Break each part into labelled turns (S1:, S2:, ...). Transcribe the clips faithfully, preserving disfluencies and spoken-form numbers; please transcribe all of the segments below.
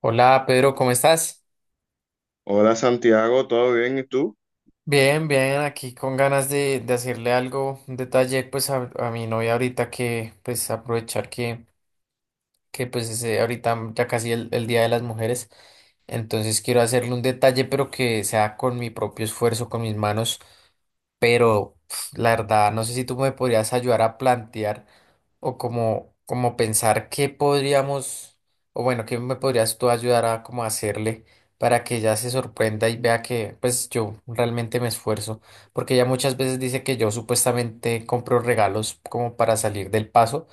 S1: Hola, Pedro, ¿cómo estás?
S2: Hola Santiago, ¿todo bien? ¿Y tú?
S1: Bien, bien, aquí con ganas de, de hacerle algo, un detalle pues a, a mi novia ahorita que pues aprovechar que, que pues ese- ahorita ya casi el, el Día de las Mujeres. Entonces quiero hacerle un detalle pero que sea con mi propio esfuerzo, con mis manos. Pero pf, la verdad, no sé si tú me podrías ayudar a plantear o como, como pensar qué podríamos, o bueno, qué me podrías tú ayudar a como hacerle para que ella se sorprenda y vea que pues yo realmente me esfuerzo, porque ella muchas veces dice que yo supuestamente compro regalos como para salir del paso,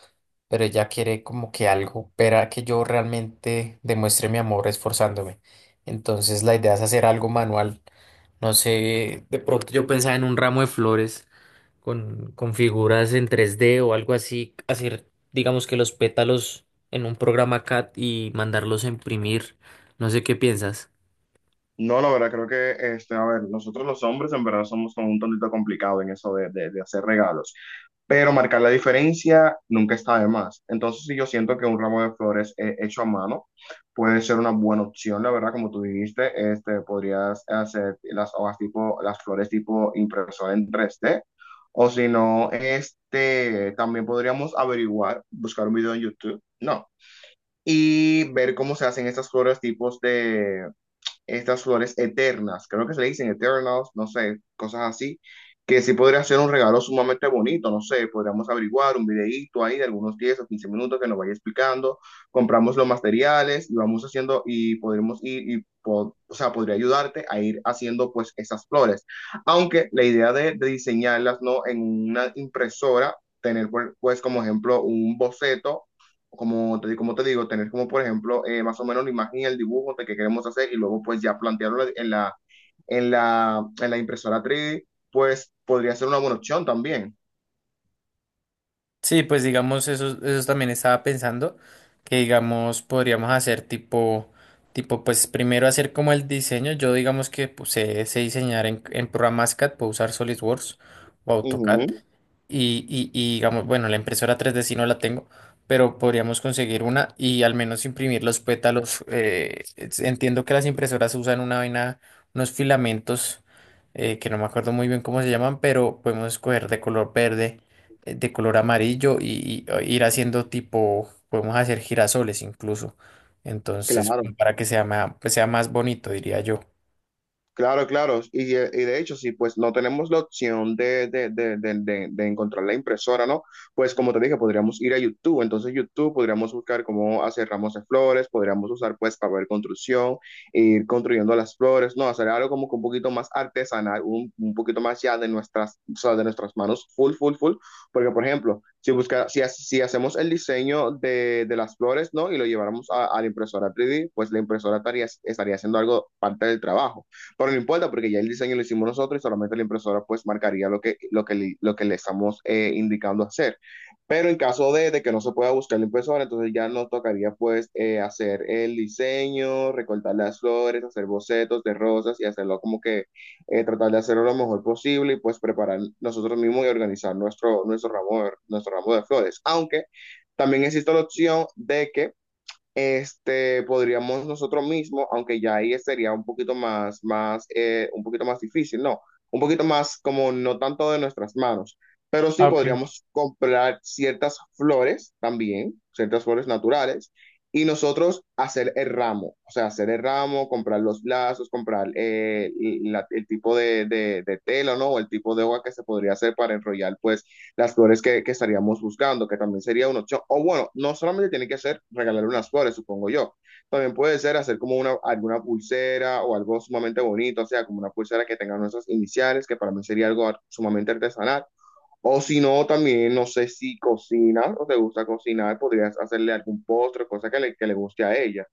S1: pero ella quiere como que algo, para que yo realmente demuestre mi amor esforzándome. Entonces la idea es hacer algo manual. No sé, de pronto yo pensaba en un ramo de flores con, con figuras en tres d o algo así, hacer, digamos que los pétalos en un programa C A D y mandarlos a imprimir. No sé qué piensas.
S2: No, la verdad, creo que, este, a ver, nosotros los hombres en verdad somos como un tontito complicado en eso de, de- de hacer regalos, pero marcar la diferencia nunca está de más. Entonces, sí, yo siento que un ramo de flores eh, hecho a mano puede ser una buena opción, la verdad, como tú dijiste, este, podrías hacer las hojas tipo, las flores tipo impresora en tres d o si no, este, también podríamos averiguar, buscar un video en YouTube, no, y ver cómo se hacen estas flores tipos de estas flores eternas, creo que se le dicen eternals, no sé, cosas así, que sí podría ser un regalo sumamente bonito, no sé, podríamos averiguar un videíto ahí de algunos diez o quince minutos que nos vaya explicando, compramos los materiales y vamos haciendo y podremos ir y po- o sea, podría ayudarte a ir haciendo pues esas flores. Aunque la idea de, de diseñarlas no en una impresora, tener pues como ejemplo un boceto como te, como te digo, tener como, por ejemplo, eh, más o menos la imagen y el dibujo de que queremos hacer y luego pues ya plantearlo en la, en la, en la impresora tres D, pues podría ser una buena opción también.
S1: Sí, pues digamos, eso, eso también estaba pensando, que digamos, podríamos hacer tipo, tipo, pues primero hacer como el diseño. Yo digamos que pues, sé, sé diseñar en, en programas C A D, puedo usar SolidWorks o AutoCAD,
S2: Ujú,
S1: y, y- y, digamos, bueno, la impresora tres d sí no la tengo, pero podríamos conseguir una y al menos imprimir los pétalos. Eh, es- entiendo que las impresoras usan una vaina, unos filamentos, eh, que no me acuerdo muy bien cómo se llaman, pero podemos escoger de color verde, eh, de color amarillo y, y, eh, ir haciendo tipo, podemos hacer girasoles incluso. Entonces,
S2: claro.
S1: para que sea más, pues sea más bonito, diría yo.
S2: Claro, claro. Y, eh, y de hecho, si pues no tenemos la opción de, de, de, de, de- de encontrar la impresora, ¿no? Pues como te dije, podríamos ir a YouTube. Entonces, YouTube podríamos buscar cómo hacer ramos de flores, podríamos usar pues papel construcción, ir construyendo las flores, ¿no? Hacer algo como que un poquito más artesanal, un, un poquito más ya de nuestras, o sea, de nuestras manos, full, full, full. Porque, por ejemplo, si busca, si, ha- si hacemos el diseño de, de las flores, ¿no? Y lo lleváramos a, a la impresora tres D, pues la impresora estaría, estaría haciendo algo parte del trabajo. Pero no importa porque ya el diseño lo hicimos nosotros y solamente la impresora pues marcaría lo que, lo que, li- lo que le estamos eh, indicando hacer. Pero en caso de, de que no se pueda buscar la impresora, entonces ya nos tocaría pues eh, hacer el diseño, recortar las flores, hacer bocetos de rosas y hacerlo como que eh, tratar de hacerlo lo mejor posible y pues preparar nosotros mismos y organizar nuestro, nuestro ramo, nuestro ramo de flores. Aunque también existe la opción de que este, podríamos nosotros mismos, aunque ya ahí sería un poquito más, más, eh, un poquito más difícil, no, un poquito más como no tanto de nuestras manos, pero
S1: Ah,
S2: sí
S1: ok.
S2: podríamos comprar ciertas flores también, ciertas flores naturales, y nosotros hacer el ramo, o sea, hacer el ramo, comprar los lazos, comprar eh, la- el tipo de, de, de tela, ¿no? O el tipo de hoja que se podría hacer para enrollar, pues, las flores que, que estaríamos buscando, que también sería una opción. O bueno, no solamente tiene que ser regalar unas flores, supongo yo. También puede ser hacer como una, alguna pulsera o algo sumamente bonito, o sea, como una pulsera que tenga nuestras iniciales, que para mí sería algo sumamente artesanal. O si no, también no sé si cocinas o te gusta cocinar, podrías hacerle algún postre, cosa que le, que le guste a ella.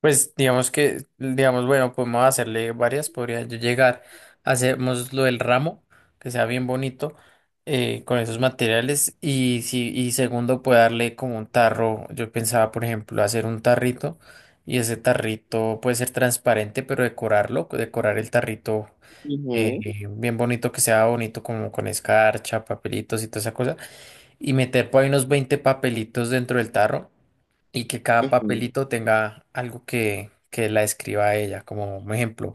S1: Pues digamos que, digamos, bueno, podemos hacerle varias, podría yo llegar, hacemos lo del ramo, que sea bien bonito, eh, con esos materiales, y si, y segundo, puede darle como un tarro. Yo pensaba, por ejemplo, hacer un tarrito, y ese tarrito puede ser transparente, pero decorarlo, decorar el tarrito
S2: Ujú,
S1: eh, bien bonito, que sea bonito como con escarcha, papelitos y toda esa cosa, y meter por ahí unos veinte papelitos dentro del tarro y que cada
S2: ujú.
S1: papelito tenga algo que, que la describa a ella. Como un ejemplo,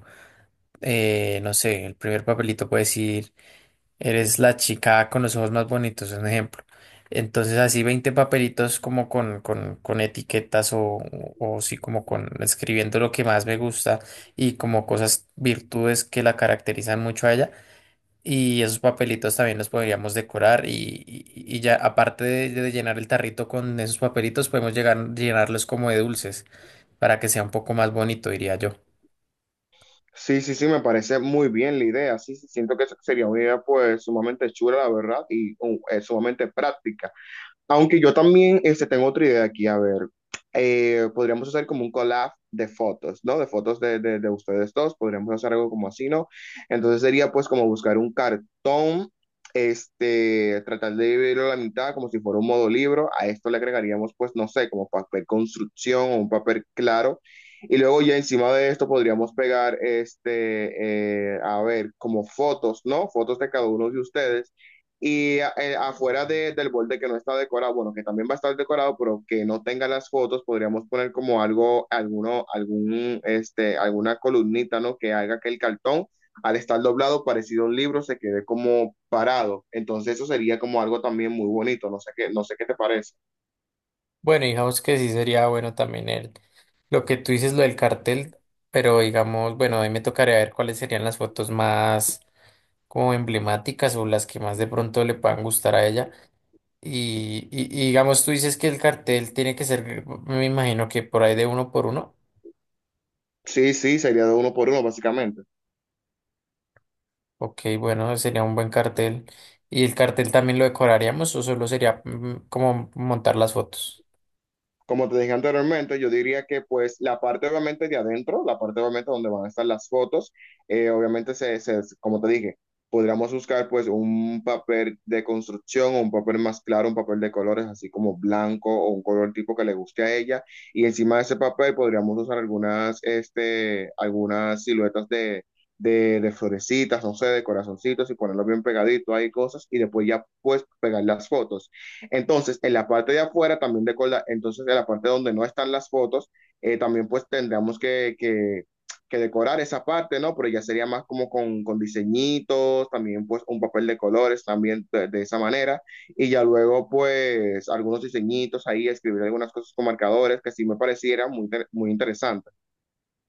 S1: eh, no sé, el primer papelito puede decir, eres la chica con los ojos más bonitos, es un ejemplo. Entonces así veinte papelitos como con, con, con etiquetas o, o sí como con escribiendo lo que más me gusta y como cosas, virtudes que la caracterizan mucho a ella. Y esos papelitos también los podríamos decorar, y, y- y ya aparte de, de llenar el tarrito con esos papelitos, podemos llegar, llenarlos como de dulces para que sea un poco más bonito, diría yo.
S2: Sí, sí, sí, me parece muy bien la idea. Sí, sí, siento que eso sería una idea pues sumamente chula, la verdad, y uh, eh, sumamente práctica. Aunque yo también este, tengo otra idea aquí, a ver, eh, podríamos hacer como un collab de fotos, ¿no? De fotos de, de, de ustedes dos, podríamos hacer algo como así, ¿no? Entonces sería pues como buscar un cartón, este, tratar de dividirlo a la mitad como si fuera un modo libro, a esto le agregaríamos pues, no sé, como papel construcción o un papel claro. Y luego ya encima de esto podríamos pegar, este, eh, a ver, como fotos, ¿no? Fotos de cada uno de ustedes y eh, afuera de- del borde que no está decorado, bueno, que también va a estar decorado, pero que no tenga las fotos, podríamos poner como algo, alguno, algún, este, alguna columnita, ¿no? Que haga que el cartón, al estar doblado, parecido a un libro, se quede como parado. Entonces eso sería como algo también muy bonito, no sé qué, no sé qué te parece.
S1: Bueno, digamos que sí sería bueno también el, lo que tú dices, lo del cartel, pero digamos, bueno, ahí me tocaría ver cuáles serían las fotos más como emblemáticas o las que más de pronto le puedan gustar a ella. Y, y, y digamos, tú dices que el cartel tiene que ser, me imagino que por ahí de uno por uno.
S2: Sí, sí, sería de uno por uno, básicamente.
S1: Ok, bueno, sería un buen cartel. ¿Y el cartel también lo decoraríamos o solo sería mm, como montar las fotos?
S2: Como te dije anteriormente, yo diría que pues la parte obviamente de adentro, la parte obviamente donde van a estar las fotos, eh, obviamente se, se- como te dije, podríamos buscar pues un papel de construcción o un papel más claro, un papel de colores así como blanco o un color tipo que le guste a ella y encima de ese papel podríamos usar algunas, este, algunas siluetas de... De, de florecitas, no sé, de corazoncitos y ponerlo bien pegadito, hay cosas, y después ya pues pegar las fotos. Entonces, en la parte de afuera también recordar, entonces en la parte donde no están las fotos, eh, también pues tendríamos que, que, que decorar esa parte, ¿no? Pero ya sería más como con, con diseñitos, también pues un papel de colores también de, de esa manera, y ya luego pues algunos diseñitos ahí, escribir algunas cosas con marcadores que sí me pareciera muy, muy interesante.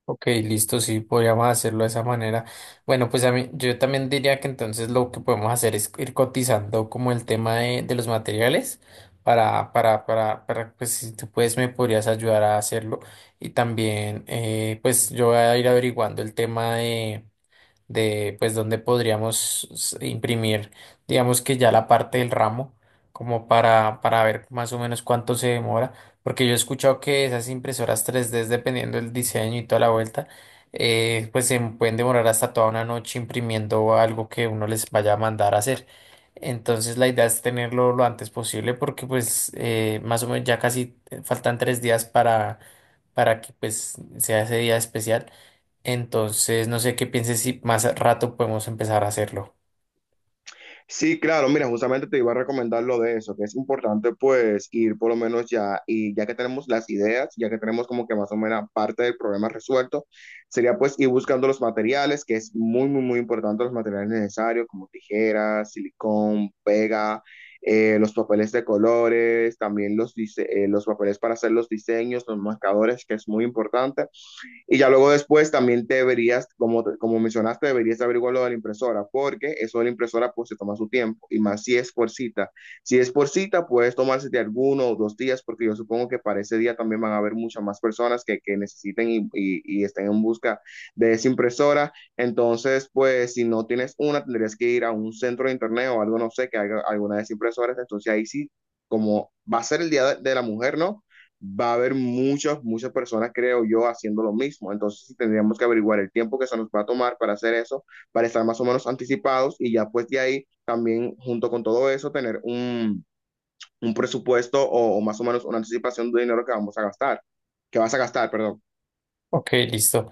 S1: Ok, listo, sí, podríamos hacerlo de esa manera. Bueno, pues a mí, yo también diría que entonces lo que podemos hacer es ir cotizando como el tema de, de los materiales para, para, para, para, pues si tú puedes me podrías ayudar a hacerlo. Y también, eh, pues yo voy a ir averiguando el tema de de pues donde podríamos s- imprimir, digamos que ya la parte del ramo, como para, para ver más o menos cuánto se demora, porque yo he escuchado que esas impresoras tres d, dependiendo del diseño y toda la vuelta, eh, pues se pueden demorar hasta toda una noche imprimiendo algo que uno les vaya a mandar a hacer. Entonces la idea es tenerlo lo antes posible porque pues eh, más o menos ya casi eh, faltan tres días para, para que pues sea ese día especial. Entonces, no sé qué pienses si más rato podemos empezar a hacerlo.
S2: Sí, claro, mira, justamente te iba a recomendar lo de eso, que es importante pues ir por lo menos ya, y ya que tenemos las ideas, ya que tenemos como que más o menos parte del problema resuelto, sería pues ir buscando los materiales, que es muy, muy, muy importante los materiales necesarios, como tijeras, silicón, pega, eh, los papeles de colores, también los, dise- eh, los papeles para hacer los diseños, los marcadores, que es muy importante. Y ya luego después también deberías, como, como mencionaste, deberías averiguar lo de la impresora, porque eso de la impresora pues se toma su tiempo, y más si es por cita. Si es por cita, puedes tomarse de alguno o dos días, porque yo supongo que para ese día también van a haber muchas más personas que, que necesiten y, y, y estén en busca de esa impresora. Entonces, pues si no tienes una, tendrías que ir a un centro de internet o algo, no sé, que haga alguna de esas impresoras. Entonces ahí sí, como va a ser el Día de la Mujer, ¿no? Va a haber muchas, muchas personas, creo yo, haciendo lo mismo. Entonces, sí tendríamos que averiguar el tiempo que se nos va a tomar para hacer eso, para estar más o menos anticipados y ya pues de ahí también, junto con todo eso, tener un, un presupuesto o, o más o menos una anticipación de dinero que vamos a gastar, que vas a gastar, perdón.
S1: Ok, listo.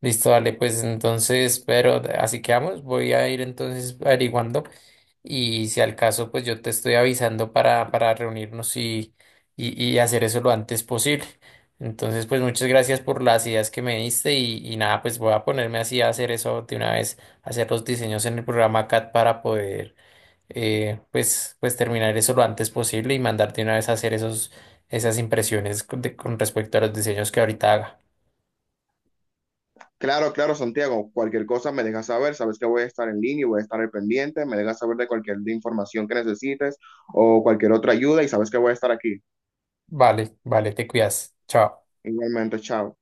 S1: Listo, dale, pues entonces, pero así quedamos. Voy a ir entonces averiguando y si al caso, pues yo te estoy avisando para, para reunirnos y, y, y hacer eso lo antes posible. Entonces, pues muchas gracias por las ideas que me diste y, y nada, pues voy a ponerme así a hacer eso de una vez, hacer los diseños en el programa C A D para poder eh, pues, pues terminar eso lo antes posible y mandarte una vez a hacer esos, esas impresiones con de- con respecto a los diseños que ahorita haga.
S2: Claro, claro, Santiago, cualquier cosa me dejas saber, sabes que voy a estar en línea y voy a estar al pendiente, me dejas saber de cualquier información que necesites o cualquier otra ayuda y sabes que voy a estar aquí.
S1: Vale, vale, te cuidas. Chao.
S2: Igualmente, chao.